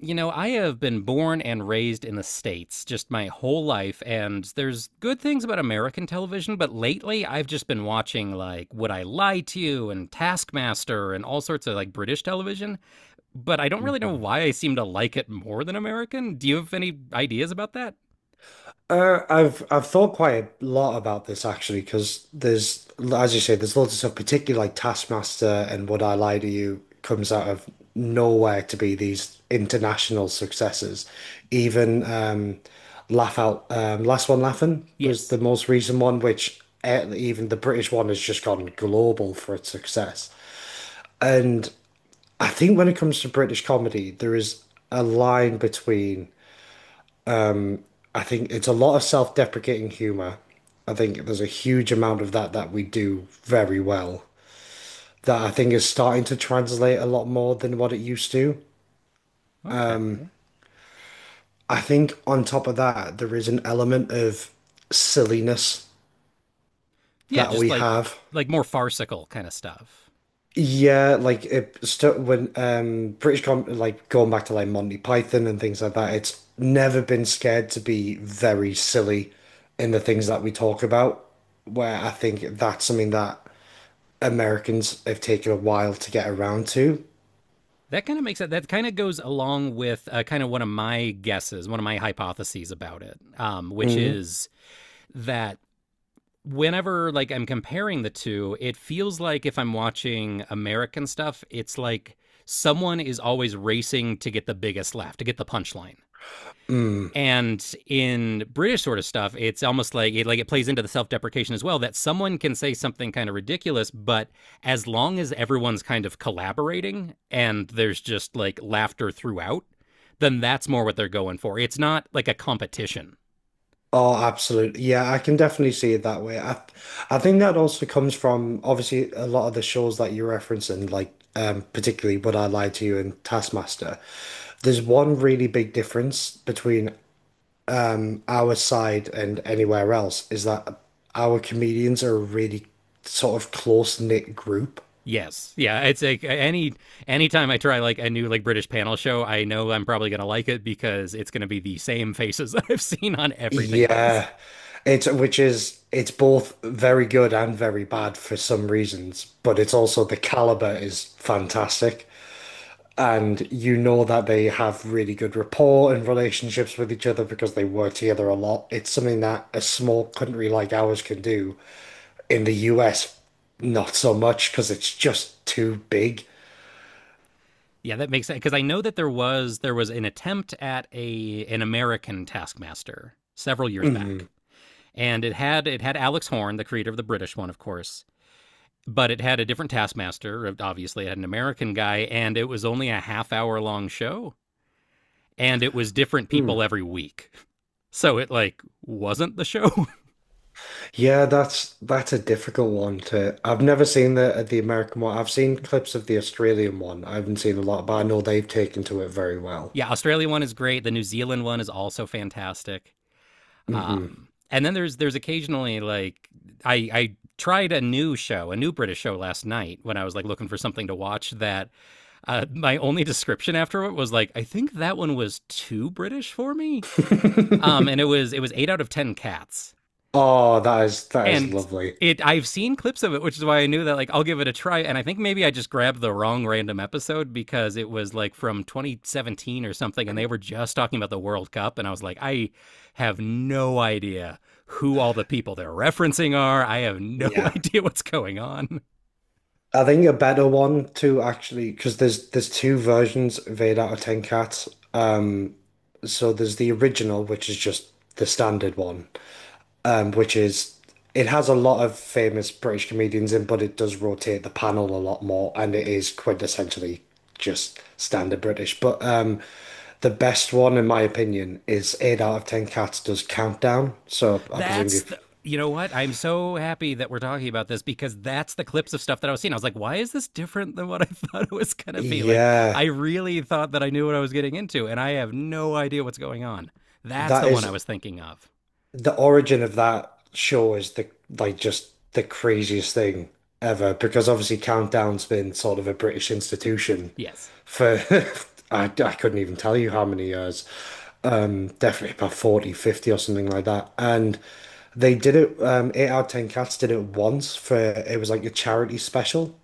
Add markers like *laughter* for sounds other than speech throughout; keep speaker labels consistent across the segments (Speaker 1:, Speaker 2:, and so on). Speaker 1: You know, I have been born and raised in the States just my whole life, and there's good things about American television, but lately I've just been watching like Would I Lie to You and Taskmaster and all sorts of like British television, but I don't really know why I seem to like it more than American. Do you have any ideas about that?
Speaker 2: I've thought quite a lot about this actually, because as you say, there's loads of stuff, particularly like Taskmaster and Would I Lie to You comes out of nowhere to be these international successes. Even Last One Laughing was the
Speaker 1: Yes.
Speaker 2: most recent one, which even the British one has just gone global for its success. And I think when it comes to British comedy, there is a line between. I think it's a lot of self-deprecating humor. I think there's a huge amount of that that we do very well that I think is starting to translate a lot more than what it used to.
Speaker 1: Okay.
Speaker 2: I think on top of that, there is an element of silliness
Speaker 1: Yeah,
Speaker 2: that
Speaker 1: just
Speaker 2: we have.
Speaker 1: like more farcical kind of stuff.
Speaker 2: Yeah, like it st when British com like going back to like Monty Python and things like that, it's never been scared to be very silly in the things that we talk about, where I think that's something that Americans have taken a while to get around to.
Speaker 1: That kind of makes it. That kind of goes along with kind of one of my guesses, one of my hypotheses about it, which
Speaker 2: Mm,
Speaker 1: is that whenever like I'm comparing the two, it feels like if I'm watching American stuff, it's like someone is always racing to get the biggest laugh, to get the punchline.
Speaker 2: mm.
Speaker 1: And in British sort of stuff, it's almost like it plays into the self-deprecation as well that someone can say something kind of ridiculous, but as long as everyone's kind of collaborating and there's just like laughter throughout, then that's more what they're going for. It's not like a competition.
Speaker 2: Oh, absolutely. Yeah, I can definitely see it that way. I think that also comes from obviously a lot of the shows that you're referencing, like particularly Would I Lie to You and Taskmaster. There's one really big difference between our side and anywhere else is that our comedians are a really sort of close-knit group.
Speaker 1: Yes. Yeah. It's like any anytime I try like a new like British panel show, I know I'm probably gonna like it because it's gonna be the same faces *laughs* that I've seen on everything else.
Speaker 2: Yeah, it's which is it's both very good and very bad for some reasons, but it's also the caliber is fantastic. And you know that they have really good rapport and relationships with each other because they work together a lot. It's something that a small country like ours can do. In the US, not so much because it's just too big.
Speaker 1: Yeah, that makes sense because I know that there was an attempt at a an American Taskmaster several years
Speaker 2: Mm.
Speaker 1: back, and it had Alex Horn, the creator of the British one, of course, but it had a different Taskmaster. Obviously, it had an American guy, and it was only a half hour long show, and it was different people every week. So it like wasn't the show. *laughs*
Speaker 2: Yeah, that's a difficult one to. I've never seen the American one. I've seen clips of the Australian one. I haven't seen a lot, but I know they've taken to it very well.
Speaker 1: Yeah, Australia one is great. The New Zealand one is also fantastic.
Speaker 2: Hmm.
Speaker 1: And then there's occasionally like I tried a new show, a new British show last night when I was like looking for something to watch. That my only description after it was like I think that one was too British for me. And it
Speaker 2: *laughs*
Speaker 1: was it was eight out of ten cats,
Speaker 2: Oh, that is
Speaker 1: and
Speaker 2: lovely.
Speaker 1: it I've seen clips of it, which is why I knew that like I'll give it a try. And I think maybe I just grabbed the wrong random episode because it was like from 2017 or something, and they were just talking about the World Cup, and I was like, I have no idea who all the people they're referencing are. I have no *laughs*
Speaker 2: Yeah.
Speaker 1: idea what's going on.
Speaker 2: I think a better one to actually because there's two versions of 8 out of 10 cats. Um so there's the original, which is just the standard one, which is it has a lot of famous British comedians in, but it does rotate the panel a lot more, and it is quintessentially just standard British. But the best one, in my opinion, is Eight Out of Ten Cats does Countdown. So I presume
Speaker 1: That's
Speaker 2: you've,
Speaker 1: the. You know what? I'm so happy that we're talking about this because that's the clips of stuff that I was seeing. I was like, why is this different than what I *laughs* thought it was going to be? Like, I
Speaker 2: yeah,
Speaker 1: really thought that I knew what I was getting into, and I have no idea what's going on. That's the
Speaker 2: that
Speaker 1: one I
Speaker 2: is
Speaker 1: was thinking of.
Speaker 2: the origin of that show is the like just the craziest thing ever because obviously Countdown's been sort of a British institution
Speaker 1: Yes.
Speaker 2: for *laughs* I couldn't even tell you how many years. Definitely about 40, 50, or something like that. And they did it, 8 out of 10 Cats did it once for, it was like a charity special.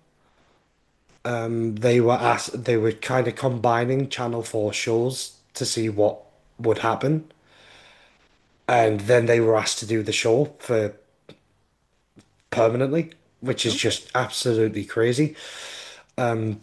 Speaker 2: They were asked, they were kind of combining Channel 4 shows to see what would happen. And then they were asked to do the show for permanently, which is
Speaker 1: Okay.
Speaker 2: just absolutely crazy.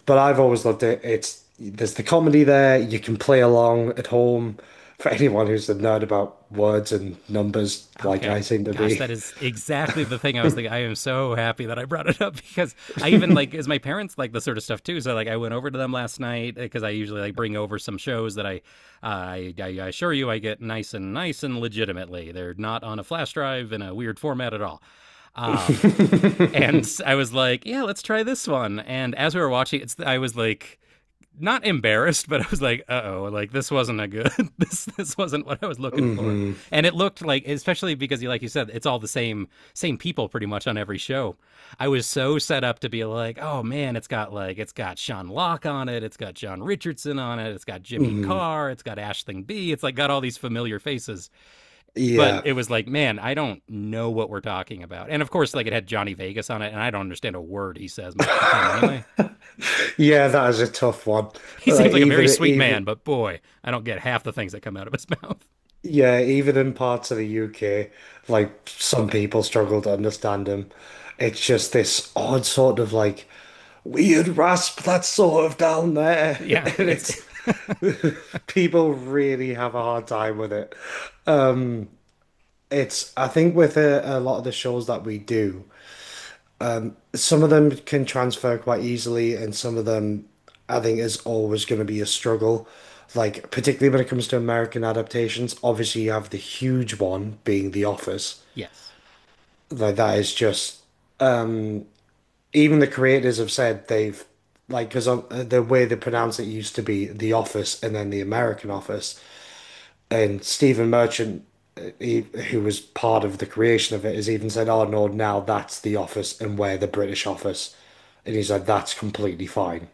Speaker 2: But I've always loved it. It's, there's the comedy there. You can play along at home. For anyone who's a nerd about words and numbers, like
Speaker 1: Okay.
Speaker 2: I seem to
Speaker 1: Gosh,
Speaker 2: be.
Speaker 1: that
Speaker 2: *laughs*
Speaker 1: is exactly the thing I was thinking. I am so happy that I brought it up *laughs* because I even like is my parents like this sort of stuff too. So like I went over to them last night because I usually like bring over some shows that I assure you I get nice and nice and legitimately. They're not on a flash drive in a weird format at all. Um,
Speaker 2: *laughs*
Speaker 1: and *laughs* I was like, yeah, let's try this one. And as we were watching, it's I was like, not embarrassed, but I was like, uh oh, like this wasn't a good *laughs* this wasn't what I was looking for.
Speaker 2: hmm
Speaker 1: And it looked like especially because you like you said, it's all the same people pretty much on every show. I was so set up to be like, oh man, it's got like it's got Sean Locke on it, it's got John Richardson on it, it's got Jimmy
Speaker 2: hmm
Speaker 1: Carr, it's got Ashling B, it's like got all these familiar faces. But
Speaker 2: Yeah.
Speaker 1: it was like, man, I don't know what we're talking about. And of course, like it had Johnny Vegas on it, and I don't understand a word he says most of the time anyway.
Speaker 2: *laughs* Yeah, that is a tough one.
Speaker 1: *laughs* He seems
Speaker 2: Like
Speaker 1: like a very
Speaker 2: even
Speaker 1: sweet
Speaker 2: even
Speaker 1: man, but boy, I don't get half the things that come out of his *laughs* mouth.
Speaker 2: yeah, even in parts of the UK, like some people struggle to understand him. It's just this odd sort of like weird rasp that's sort of down there. *laughs*
Speaker 1: Yeah,
Speaker 2: And
Speaker 1: it's
Speaker 2: it's *laughs* people really have a hard time with it. It's I think with a lot of the shows that we do. Some of them can transfer quite easily, and some of them I think is always going to be a struggle. Like, particularly when it comes to American adaptations, obviously you have the huge one being The Office.
Speaker 1: *laughs* yes,
Speaker 2: Like, that is just, even the creators have said they've, like, because the way they pronounce it used to be The Office and then The American Office. And Stephen Merchant, uh, he, who was part of the creation of it, has even said, "Oh no, now that's the office, and we're the British office," and he's like, "That's completely fine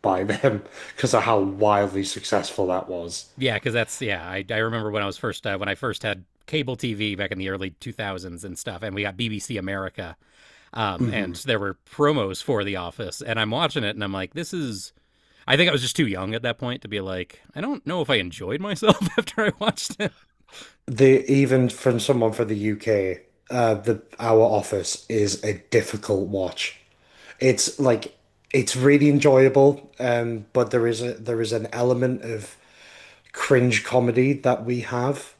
Speaker 2: by *laughs* them because of how wildly successful that was."
Speaker 1: yeah, because that's yeah. I remember when I was first when I first had cable TV back in the early 2000s and stuff, and we got BBC America, and
Speaker 2: Hmm.
Speaker 1: there were promos for The Office, and I'm watching it, and I'm like, this is. I think I was just too young at that point to be like, I don't know if I enjoyed myself *laughs* after I watched it.
Speaker 2: The even from someone from the UK, the our office is a difficult watch. It's like it's really enjoyable, but there is an element of cringe comedy that we have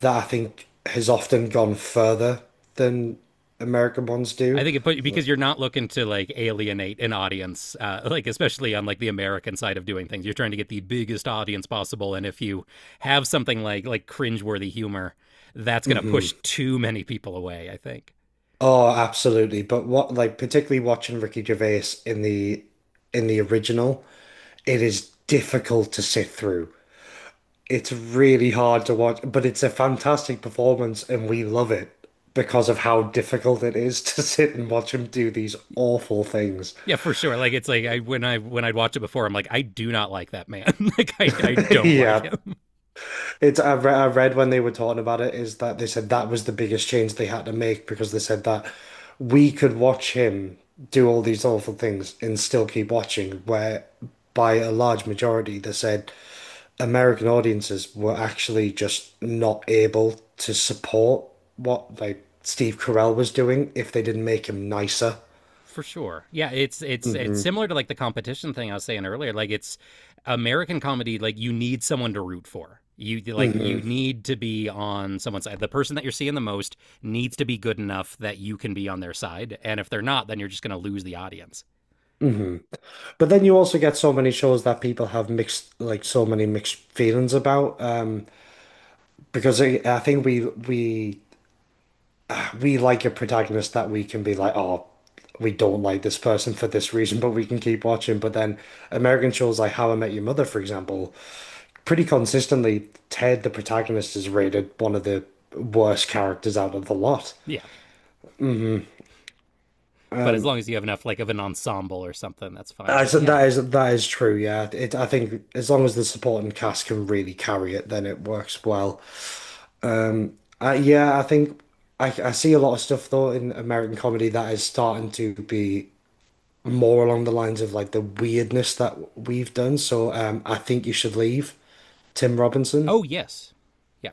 Speaker 2: that I think has often gone further than American ones
Speaker 1: I
Speaker 2: do.
Speaker 1: think it put because you're not looking to like alienate an audience, like especially on like the American side of doing things. You're trying to get the biggest audience possible, and if you have something like cringeworthy humor, that's gonna
Speaker 2: Hmm
Speaker 1: push too many people away. I think.
Speaker 2: Oh, absolutely. But what, like, particularly watching Ricky Gervais in the original, it is difficult to sit through. It's really hard to watch, but it's a fantastic performance, and we love it because of how difficult it is *laughs* to sit and watch him do these awful things.
Speaker 1: Yeah, for sure. Like it's like I when I'd watch it before, I'm like, I do not like that man. *laughs* Like I
Speaker 2: *laughs*
Speaker 1: don't like
Speaker 2: Yeah,
Speaker 1: him.
Speaker 2: It's I read when they were talking about it is that they said that was the biggest change they had to make because they said that we could watch him do all these awful things and still keep watching, where by a large majority they said American audiences were actually just not able to support what like Steve Carell was doing if they didn't make him nicer.
Speaker 1: For sure. Yeah, it's
Speaker 2: Hmm
Speaker 1: similar to like the competition thing I was saying earlier. Like it's American comedy, like you need someone to root for. You like you
Speaker 2: hmm
Speaker 1: need to be on someone's side. The person that you're seeing the most needs to be good enough that you can be on their side. And if they're not, then you're just gonna lose the audience.
Speaker 2: hmm But then you also get so many shows that people have mixed like so many mixed feelings about. Because I think we like a protagonist that we can be like, oh, we don't like this person for this reason, but we can keep watching. But then American shows like How I Met Your Mother, for example, pretty consistently, Ted, the protagonist, is rated one of the worst characters out of the lot.
Speaker 1: Yeah, but as
Speaker 2: Um,
Speaker 1: long as you have enough like of an ensemble or something, that's fine. But yeah,
Speaker 2: that is true. Yeah, I think as long as the supporting cast can really carry it, then it works well. Um, yeah, I think I see a lot of stuff though in American comedy that is starting to be more along the lines of like the weirdness that we've done. So I think you should leave, Tim Robinson.
Speaker 1: oh yes, yeah,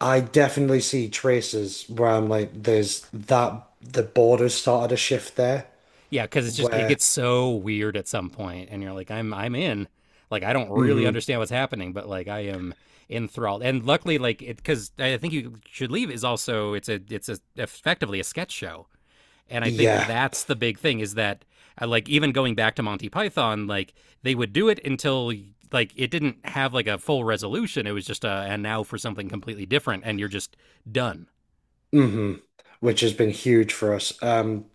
Speaker 2: I definitely see traces where I'm like, there's that the borders started to shift there,
Speaker 1: yeah, because it's just it
Speaker 2: where
Speaker 1: gets so weird at some point, and you're like, I'm in. Like I don't really
Speaker 2: hmm
Speaker 1: understand what's happening, but like I am enthralled. And luckily, like it because I think you should leave is also it's a, effectively a sketch show, and I think
Speaker 2: yeah,
Speaker 1: that's the big thing is that like even going back to Monty Python, like they would do it until like it didn't have like a full resolution. It was just a and now for something completely different, and you're just done.
Speaker 2: hmm which has been huge for us.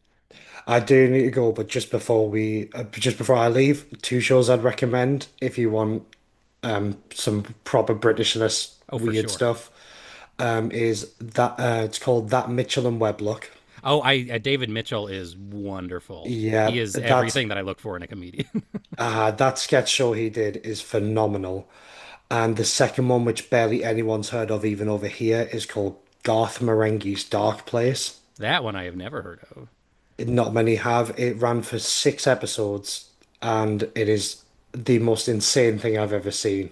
Speaker 2: I do need to go, but just before just before I leave, two shows I'd recommend if you want some proper Britishness
Speaker 1: Oh, for
Speaker 2: weird
Speaker 1: sure.
Speaker 2: stuff. Is that it's called That Mitchell and Webb Look.
Speaker 1: Oh, I David Mitchell is wonderful. He
Speaker 2: Yeah,
Speaker 1: is everything that I look for in a comedian. *laughs*
Speaker 2: that sketch show he did is phenomenal. And the second one, which barely anyone's heard of even over here, is called Garth Marenghi's Dark Place.
Speaker 1: That one I have never heard of.
Speaker 2: Not many have. It ran for 6 episodes, and it is the most insane thing I've ever seen.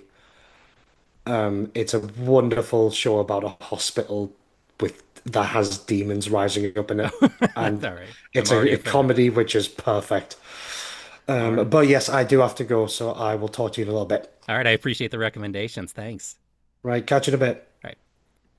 Speaker 2: It's a wonderful show about a hospital with that has demons rising up in it.
Speaker 1: Oh, *laughs* that's
Speaker 2: And
Speaker 1: all right. I'm
Speaker 2: it's
Speaker 1: already
Speaker 2: a
Speaker 1: a fan.
Speaker 2: comedy which is perfect.
Speaker 1: All right.
Speaker 2: But yes, I do have to go, so I will talk to you in a little bit.
Speaker 1: All right. I appreciate the recommendations. Thanks.
Speaker 2: Right. Catch you in a bit.
Speaker 1: All right.